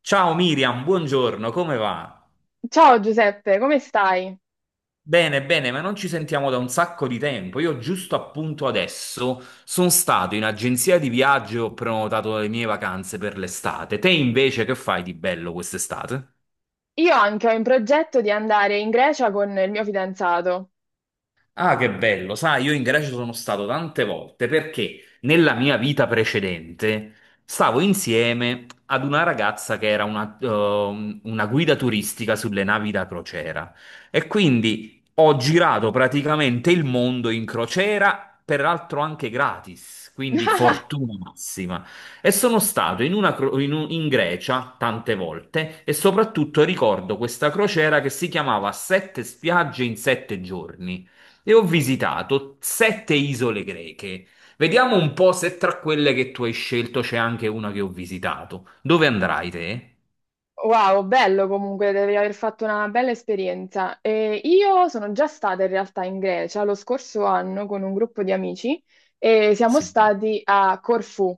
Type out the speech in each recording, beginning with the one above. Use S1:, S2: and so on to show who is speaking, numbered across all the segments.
S1: Ciao Miriam, buongiorno, come va?
S2: Ciao Giuseppe, come stai?
S1: Bene, bene, ma non ci sentiamo da un sacco di tempo. Io giusto appunto adesso sono stato in agenzia di viaggio e ho prenotato le mie vacanze per l'estate. Te invece che fai di bello quest'estate?
S2: Io anche ho in progetto di andare in Grecia con il mio fidanzato.
S1: Ah, che bello, sai, io in Grecia sono stato tante volte perché nella mia vita precedente stavo insieme ad una ragazza che era una guida turistica sulle navi da crociera e quindi ho girato praticamente il mondo in crociera, peraltro anche gratis, quindi fortuna massima. E sono stato in, una cro- in un- in Grecia tante volte e soprattutto ricordo questa crociera che si chiamava Sette spiagge in sette giorni. E ho visitato sette isole greche. Vediamo un po' se tra quelle che tu hai scelto c'è anche una che ho visitato. Dove andrai te?
S2: Wow, bello comunque, devi aver fatto una bella esperienza. E io sono già stata in realtà in Grecia lo scorso anno con un gruppo di amici e siamo
S1: Sì.
S2: stati a Corfù.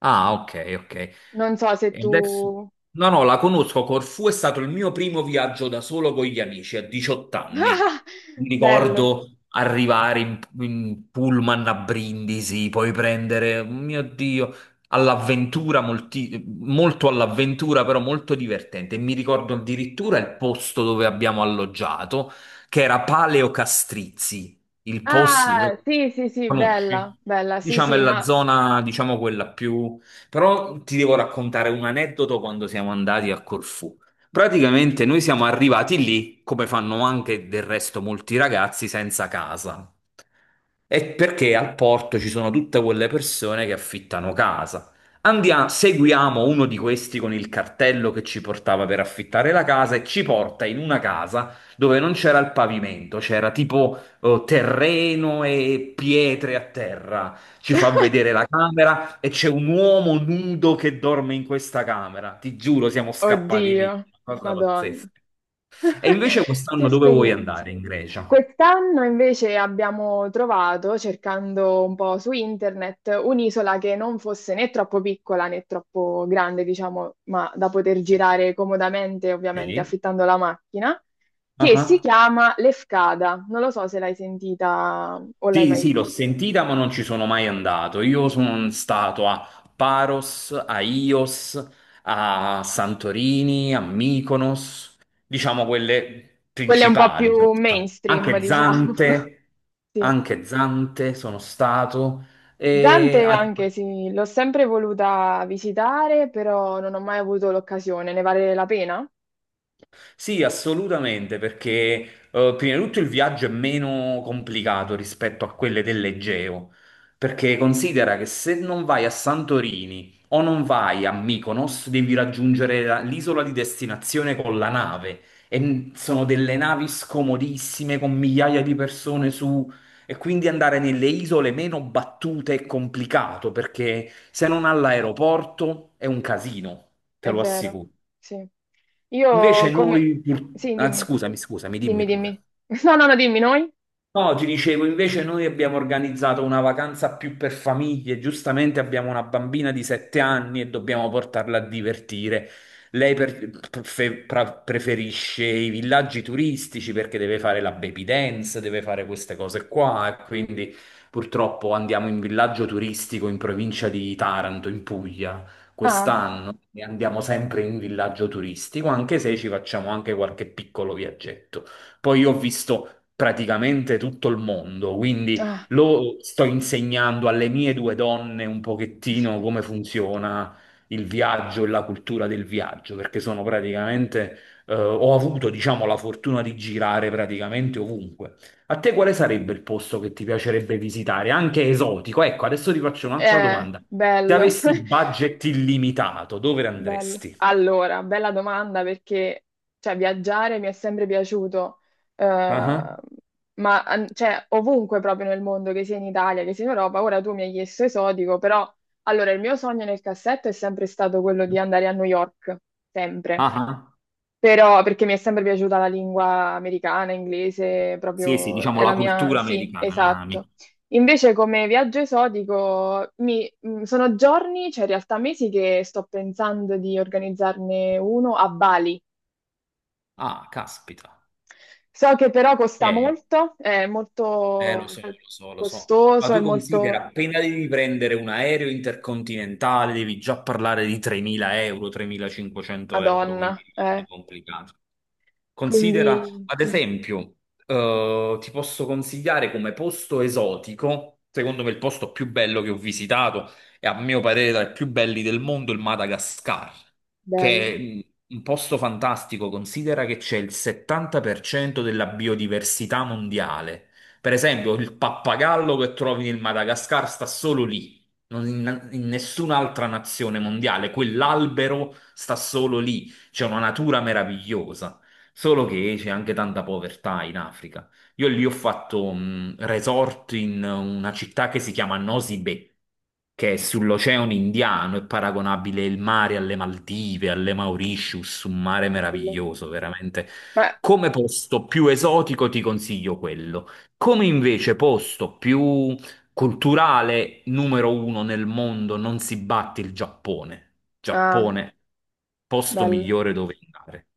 S1: Ah, ok, ok.
S2: Non so se
S1: E
S2: tu.
S1: adesso... No, no, la conosco. Corfù è stato il mio primo viaggio da solo con gli amici a 18 anni. Mi
S2: Bello.
S1: ricordo arrivare in pullman a Brindisi, poi prendere, mio Dio, all'avventura, molto all'avventura, però molto divertente. E mi ricordo addirittura il posto dove abbiamo alloggiato, che era Paleo Castrizzi, il posto.
S2: Ah, sì, sì, sì, bella,
S1: Conosci?
S2: bella, sì,
S1: Diciamo è
S2: sì,
S1: la
S2: ma.
S1: zona, diciamo quella più però ti devo raccontare un aneddoto quando siamo andati a Corfù. Praticamente noi siamo arrivati lì, come fanno anche del resto molti ragazzi, senza casa. E perché al porto ci sono tutte quelle persone che affittano casa. Andiamo, seguiamo uno di questi con il cartello che ci portava per affittare la casa e ci porta in una casa dove non c'era il pavimento, c'era tipo terreno e pietre a terra. Ci fa vedere la camera e c'è un uomo nudo che dorme in questa camera. Ti giuro, siamo scappati via.
S2: Oddio,
S1: Una cosa
S2: Madonna.
S1: pazzesca. E invece
S2: Che
S1: quest'anno dove vuoi
S2: esperienza.
S1: andare? In Grecia?
S2: Quest'anno invece abbiamo trovato, cercando un po' su internet, un'isola che non fosse né troppo piccola né troppo grande, diciamo, ma da poter
S1: Eh,
S2: girare comodamente, ovviamente
S1: Sì.
S2: affittando la macchina, che si
S1: Ah,
S2: chiama Lefkada. Non lo so se l'hai sentita o l'hai
S1: Sì,
S2: mai
S1: sì,
S2: vista.
S1: l'ho sentita, ma non ci sono mai andato. Io sono stato a Paros, a Ios, a Santorini, a Mykonos, diciamo quelle
S2: Quella è un po'
S1: principali.
S2: più mainstream,
S1: Anche
S2: diciamo.
S1: Zante,
S2: Sì.
S1: anche Zante sono stato. E
S2: Dante
S1: a-
S2: anche sì, l'ho sempre voluta visitare, però non ho mai avuto l'occasione. Ne vale la pena?
S1: Sì, assolutamente, perché prima di tutto il viaggio è meno complicato rispetto a quelle dell'Egeo, perché considera che se non vai a Santorini o non vai a Mykonos, devi raggiungere l'isola di destinazione con la nave sono delle navi scomodissime con migliaia di persone su e quindi andare nelle isole meno battute è complicato, perché se non all'aeroporto è un casino, te
S2: È
S1: lo
S2: vero,
S1: assicuro.
S2: sì. Io
S1: Invece
S2: come.
S1: noi, pur-
S2: Sì,
S1: ah,
S2: dimmi,
S1: scusami, scusami, dimmi
S2: dimmi, dimmi.
S1: pure.
S2: No, no, no, dimmi noi.
S1: No, ti dicevo, invece noi abbiamo organizzato una vacanza più per famiglie, giustamente abbiamo una bambina di 7 anni e dobbiamo portarla a divertire. Lei preferisce i villaggi turistici perché deve fare la baby dance, deve fare queste cose qua e quindi purtroppo andiamo in villaggio turistico in provincia di Taranto, in Puglia,
S2: Ah,
S1: quest'anno e andiamo sempre in villaggio turistico, anche se ci facciamo anche qualche piccolo viaggetto. Poi io ho visto praticamente tutto il mondo, quindi
S2: ah.
S1: lo sto insegnando alle mie due donne un pochettino come funziona il viaggio e la cultura del viaggio, perché sono praticamente, ho avuto, diciamo, la fortuna di girare praticamente ovunque. A te quale sarebbe il posto che ti piacerebbe visitare, anche esotico? Ecco, adesso ti faccio un'altra domanda. Se
S2: Bello.
S1: avessi budget illimitato, dove
S2: Bello.
S1: andresti?
S2: Allora, bella domanda perché cioè, viaggiare mi è sempre piaciuto,
S1: Ah ah.
S2: cioè, ovunque proprio nel mondo, che sia in Italia, che sia in Europa, ora tu mi hai chiesto esotico, però allora il mio sogno nel cassetto è sempre stato quello di andare a New York, sempre.
S1: Ah ah.
S2: Però perché mi è sempre piaciuta la lingua americana, inglese,
S1: Sì, sì,
S2: proprio
S1: diciamo
S2: è
S1: la
S2: la mia.
S1: cultura
S2: Sì,
S1: americana.
S2: esatto. Invece come viaggio esotico, sono giorni, cioè in realtà mesi che sto pensando di organizzarne uno a Bali.
S1: Ah, caspita.
S2: So che però costa
S1: Eh,
S2: molto, è
S1: Lo
S2: molto
S1: so, lo so, lo so. Ma
S2: costoso, è
S1: tu
S2: molto.
S1: considera, appena devi prendere un aereo intercontinentale, devi già parlare di 3.000 euro, 3.500 euro,
S2: Madonna,
S1: quindi è
S2: eh.
S1: complicato. Considera,
S2: Quindi...
S1: ad
S2: mm,
S1: esempio, ti posso consigliare come posto esotico, secondo me il posto più bello che ho visitato e a mio parere tra i più belli del mondo, il Madagascar, che
S2: Bello,
S1: è un posto fantastico. Considera che c'è il 70% della biodiversità mondiale. Per esempio, il pappagallo che trovi nel Madagascar sta solo lì, non in nessun'altra nazione mondiale. Quell'albero sta solo lì. C'è una natura meravigliosa. Solo che c'è anche tanta povertà in Africa. Io lì ho fatto un resort in una città che si chiama Nosy Be, che è sull'oceano Indiano, è paragonabile il mare alle Maldive, alle Mauritius, un mare
S2: bello.
S1: meraviglioso, veramente.
S2: Ma-
S1: Come posto più esotico ti consiglio quello. Come invece posto più culturale, numero uno nel mondo, non si batte il Giappone.
S2: ah,
S1: Giappone, posto
S2: bello.
S1: migliore dove andare.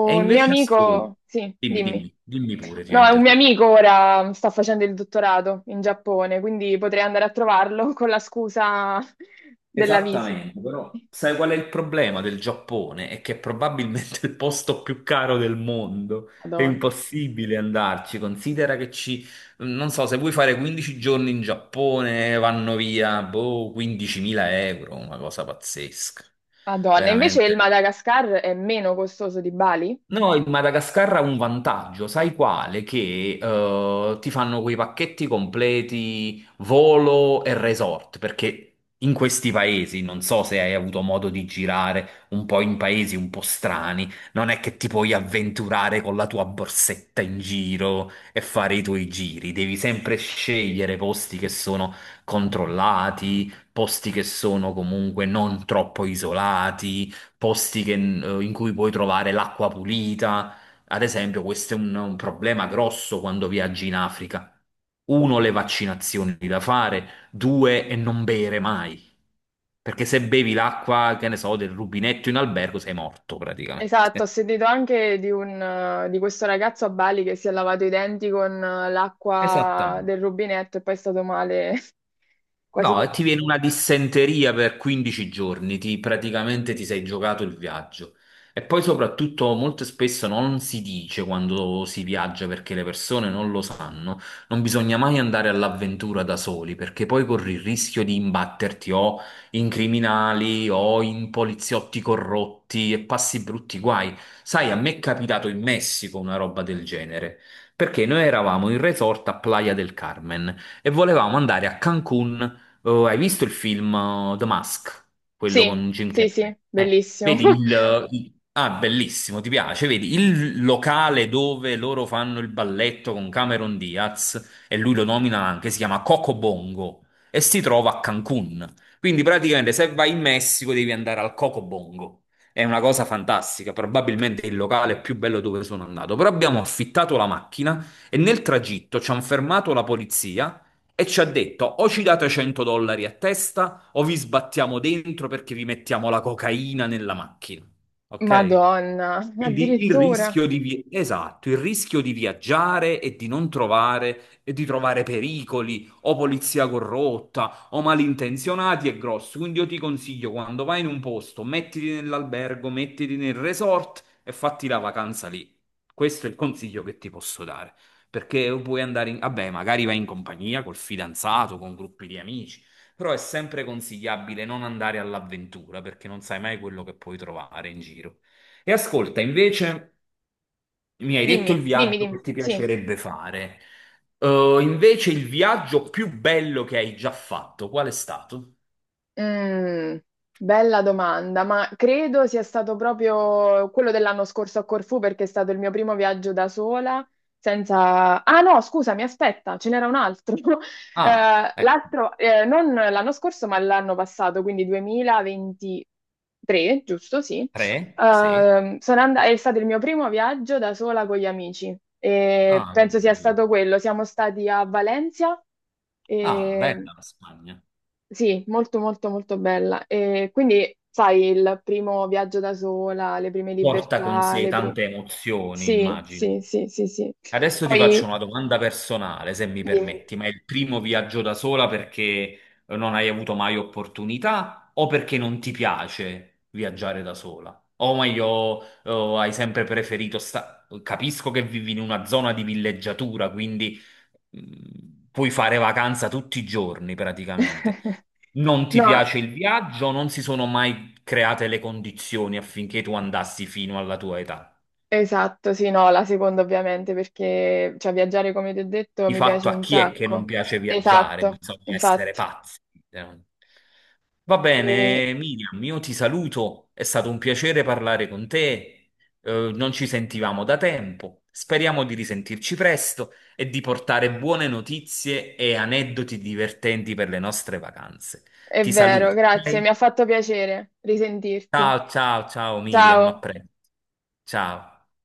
S1: E
S2: mio
S1: invece ascolta,
S2: amico. Sì,
S1: dimmi,
S2: dimmi.
S1: dimmi, dimmi pure, ti ho
S2: No, è un mio
S1: interrotto.
S2: amico ora sta facendo il dottorato in Giappone, quindi potrei andare a trovarlo con la scusa della visita.
S1: Esattamente, però sai qual è il problema del Giappone? È che è probabilmente il posto più caro del mondo. È
S2: Madonna.
S1: impossibile andarci. Considera che ci, non so, se vuoi fare 15 giorni in Giappone, vanno via, boh, 15.000 euro, una cosa pazzesca.
S2: Madonna. Invece
S1: Veramente.
S2: il Madagascar è meno costoso di Bali?
S1: No, il Madagascar ha un vantaggio, sai quale? Che ti fanno quei pacchetti completi volo e resort, perché in questi paesi, non so se hai avuto modo di girare un po' in paesi un po' strani, non è che ti puoi avventurare con la tua borsetta in giro e fare i tuoi giri, devi sempre scegliere posti che sono controllati, posti che sono comunque non troppo isolati posti in cui puoi trovare l'acqua pulita. Ad esempio, questo è un problema grosso quando viaggi in Africa. Uno, le vaccinazioni da fare, due, e non bere mai. Perché se bevi l'acqua, che ne so, del rubinetto in albergo, sei morto praticamente.
S2: Esatto, ho sentito anche di questo ragazzo a Bali che si è lavato i denti con l'acqua
S1: Esattamente.
S2: del rubinetto e poi è stato male quasi
S1: No, e
S2: per
S1: ti viene
S2: tutto.
S1: una dissenteria per 15 giorni, praticamente ti sei giocato il viaggio. E poi soprattutto molto spesso non si dice quando si viaggia perché le persone non lo sanno, non bisogna mai andare all'avventura da soli perché poi corri il rischio di imbatterti o in criminali o in poliziotti corrotti e passi brutti guai. Sai, a me è capitato in Messico una roba del genere, perché noi eravamo in resort a Playa del Carmen e volevamo andare a Cancun. Oh, hai visto il film The Mask? Quello
S2: Sì,
S1: con Jim
S2: sì, sì,
S1: Carrey?
S2: bellissimo.
S1: Ah, bellissimo, ti piace? Vedi, il locale dove loro fanno il balletto con Cameron Diaz, e lui lo nomina anche, si chiama Coco Bongo, e si trova a Cancun. Quindi praticamente se vai in Messico devi andare al Coco Bongo. È una cosa fantastica, probabilmente è il locale più bello dove sono andato. Però abbiamo affittato la macchina e nel tragitto ci hanno fermato la polizia e ci ha detto: o ci date 100 dollari a testa, o vi sbattiamo dentro perché vi mettiamo la cocaina nella macchina. Ok?
S2: Madonna,
S1: Quindi il
S2: addirittura.
S1: rischio di esatto, il rischio di viaggiare e di non trovare e di trovare pericoli o polizia corrotta o malintenzionati è grosso. Quindi io ti consiglio quando vai in un posto, mettiti nell'albergo, mettiti nel resort e fatti la vacanza lì. Questo è il consiglio che ti posso dare. Perché puoi andare in. Vabbè, magari vai in compagnia col fidanzato, con gruppi di amici, però è sempre consigliabile non andare all'avventura perché non sai mai quello che puoi trovare in giro. E ascolta, invece mi hai detto il
S2: Dimmi, dimmi,
S1: viaggio
S2: dimmi.
S1: che ti
S2: Sì.
S1: piacerebbe fare. Invece il viaggio più bello che hai già fatto, qual è stato?
S2: Mm, Bella domanda, ma credo sia stato proprio quello dell'anno scorso a Corfù perché è stato il mio primo viaggio da sola. Senza... Ah no, scusami, aspetta, ce n'era un altro.
S1: Ah,
S2: L'altro, non l'anno scorso, ma l'anno passato, quindi 2023, giusto? Sì.
S1: tre? Sì.
S2: È stato il mio primo viaggio da sola con gli amici e
S1: Ah, che
S2: penso sia
S1: bello.
S2: stato quello. Siamo stati a Valencia.
S1: Ah,
S2: E
S1: bella la Spagna.
S2: sì, molto molto molto bella. E quindi, sai, il primo viaggio da sola, le prime
S1: Porta con
S2: libertà,
S1: sé
S2: le prime.
S1: tante emozioni,
S2: Sì,
S1: immagino.
S2: sì, sì, sì, sì.
S1: Adesso ti faccio
S2: Poi,
S1: una domanda personale, se mi
S2: dimmi.
S1: permetti, ma è il primo viaggio da sola perché non hai avuto mai opportunità o perché non ti piace viaggiare da sola? O meglio, o hai sempre preferito sta. Capisco che vivi in una zona di villeggiatura, quindi puoi fare vacanza tutti i giorni praticamente. Non ti
S2: No,
S1: piace il viaggio, non si sono mai create le condizioni affinché tu andassi fino alla tua età.
S2: esatto, sì, no, la seconda ovviamente, perché cioè, viaggiare, come ti ho detto,
S1: Di
S2: mi piace
S1: fatto a
S2: un
S1: chi è che non
S2: sacco.
S1: piace viaggiare?
S2: Esatto,
S1: Bisogna essere
S2: infatti.
S1: pazzi. Eh. Va
S2: E-
S1: bene, Miriam, io ti saluto. È stato un piacere parlare con te. Non ci sentivamo da tempo. Speriamo di risentirci presto e di portare buone notizie e aneddoti divertenti per le nostre vacanze.
S2: è
S1: Ti
S2: vero,
S1: saluto.
S2: grazie,
S1: ok?
S2: mi ha fatto piacere risentirti.
S1: Ciao, ciao, ciao Miriam, a
S2: Ciao.
S1: presto. Ciao.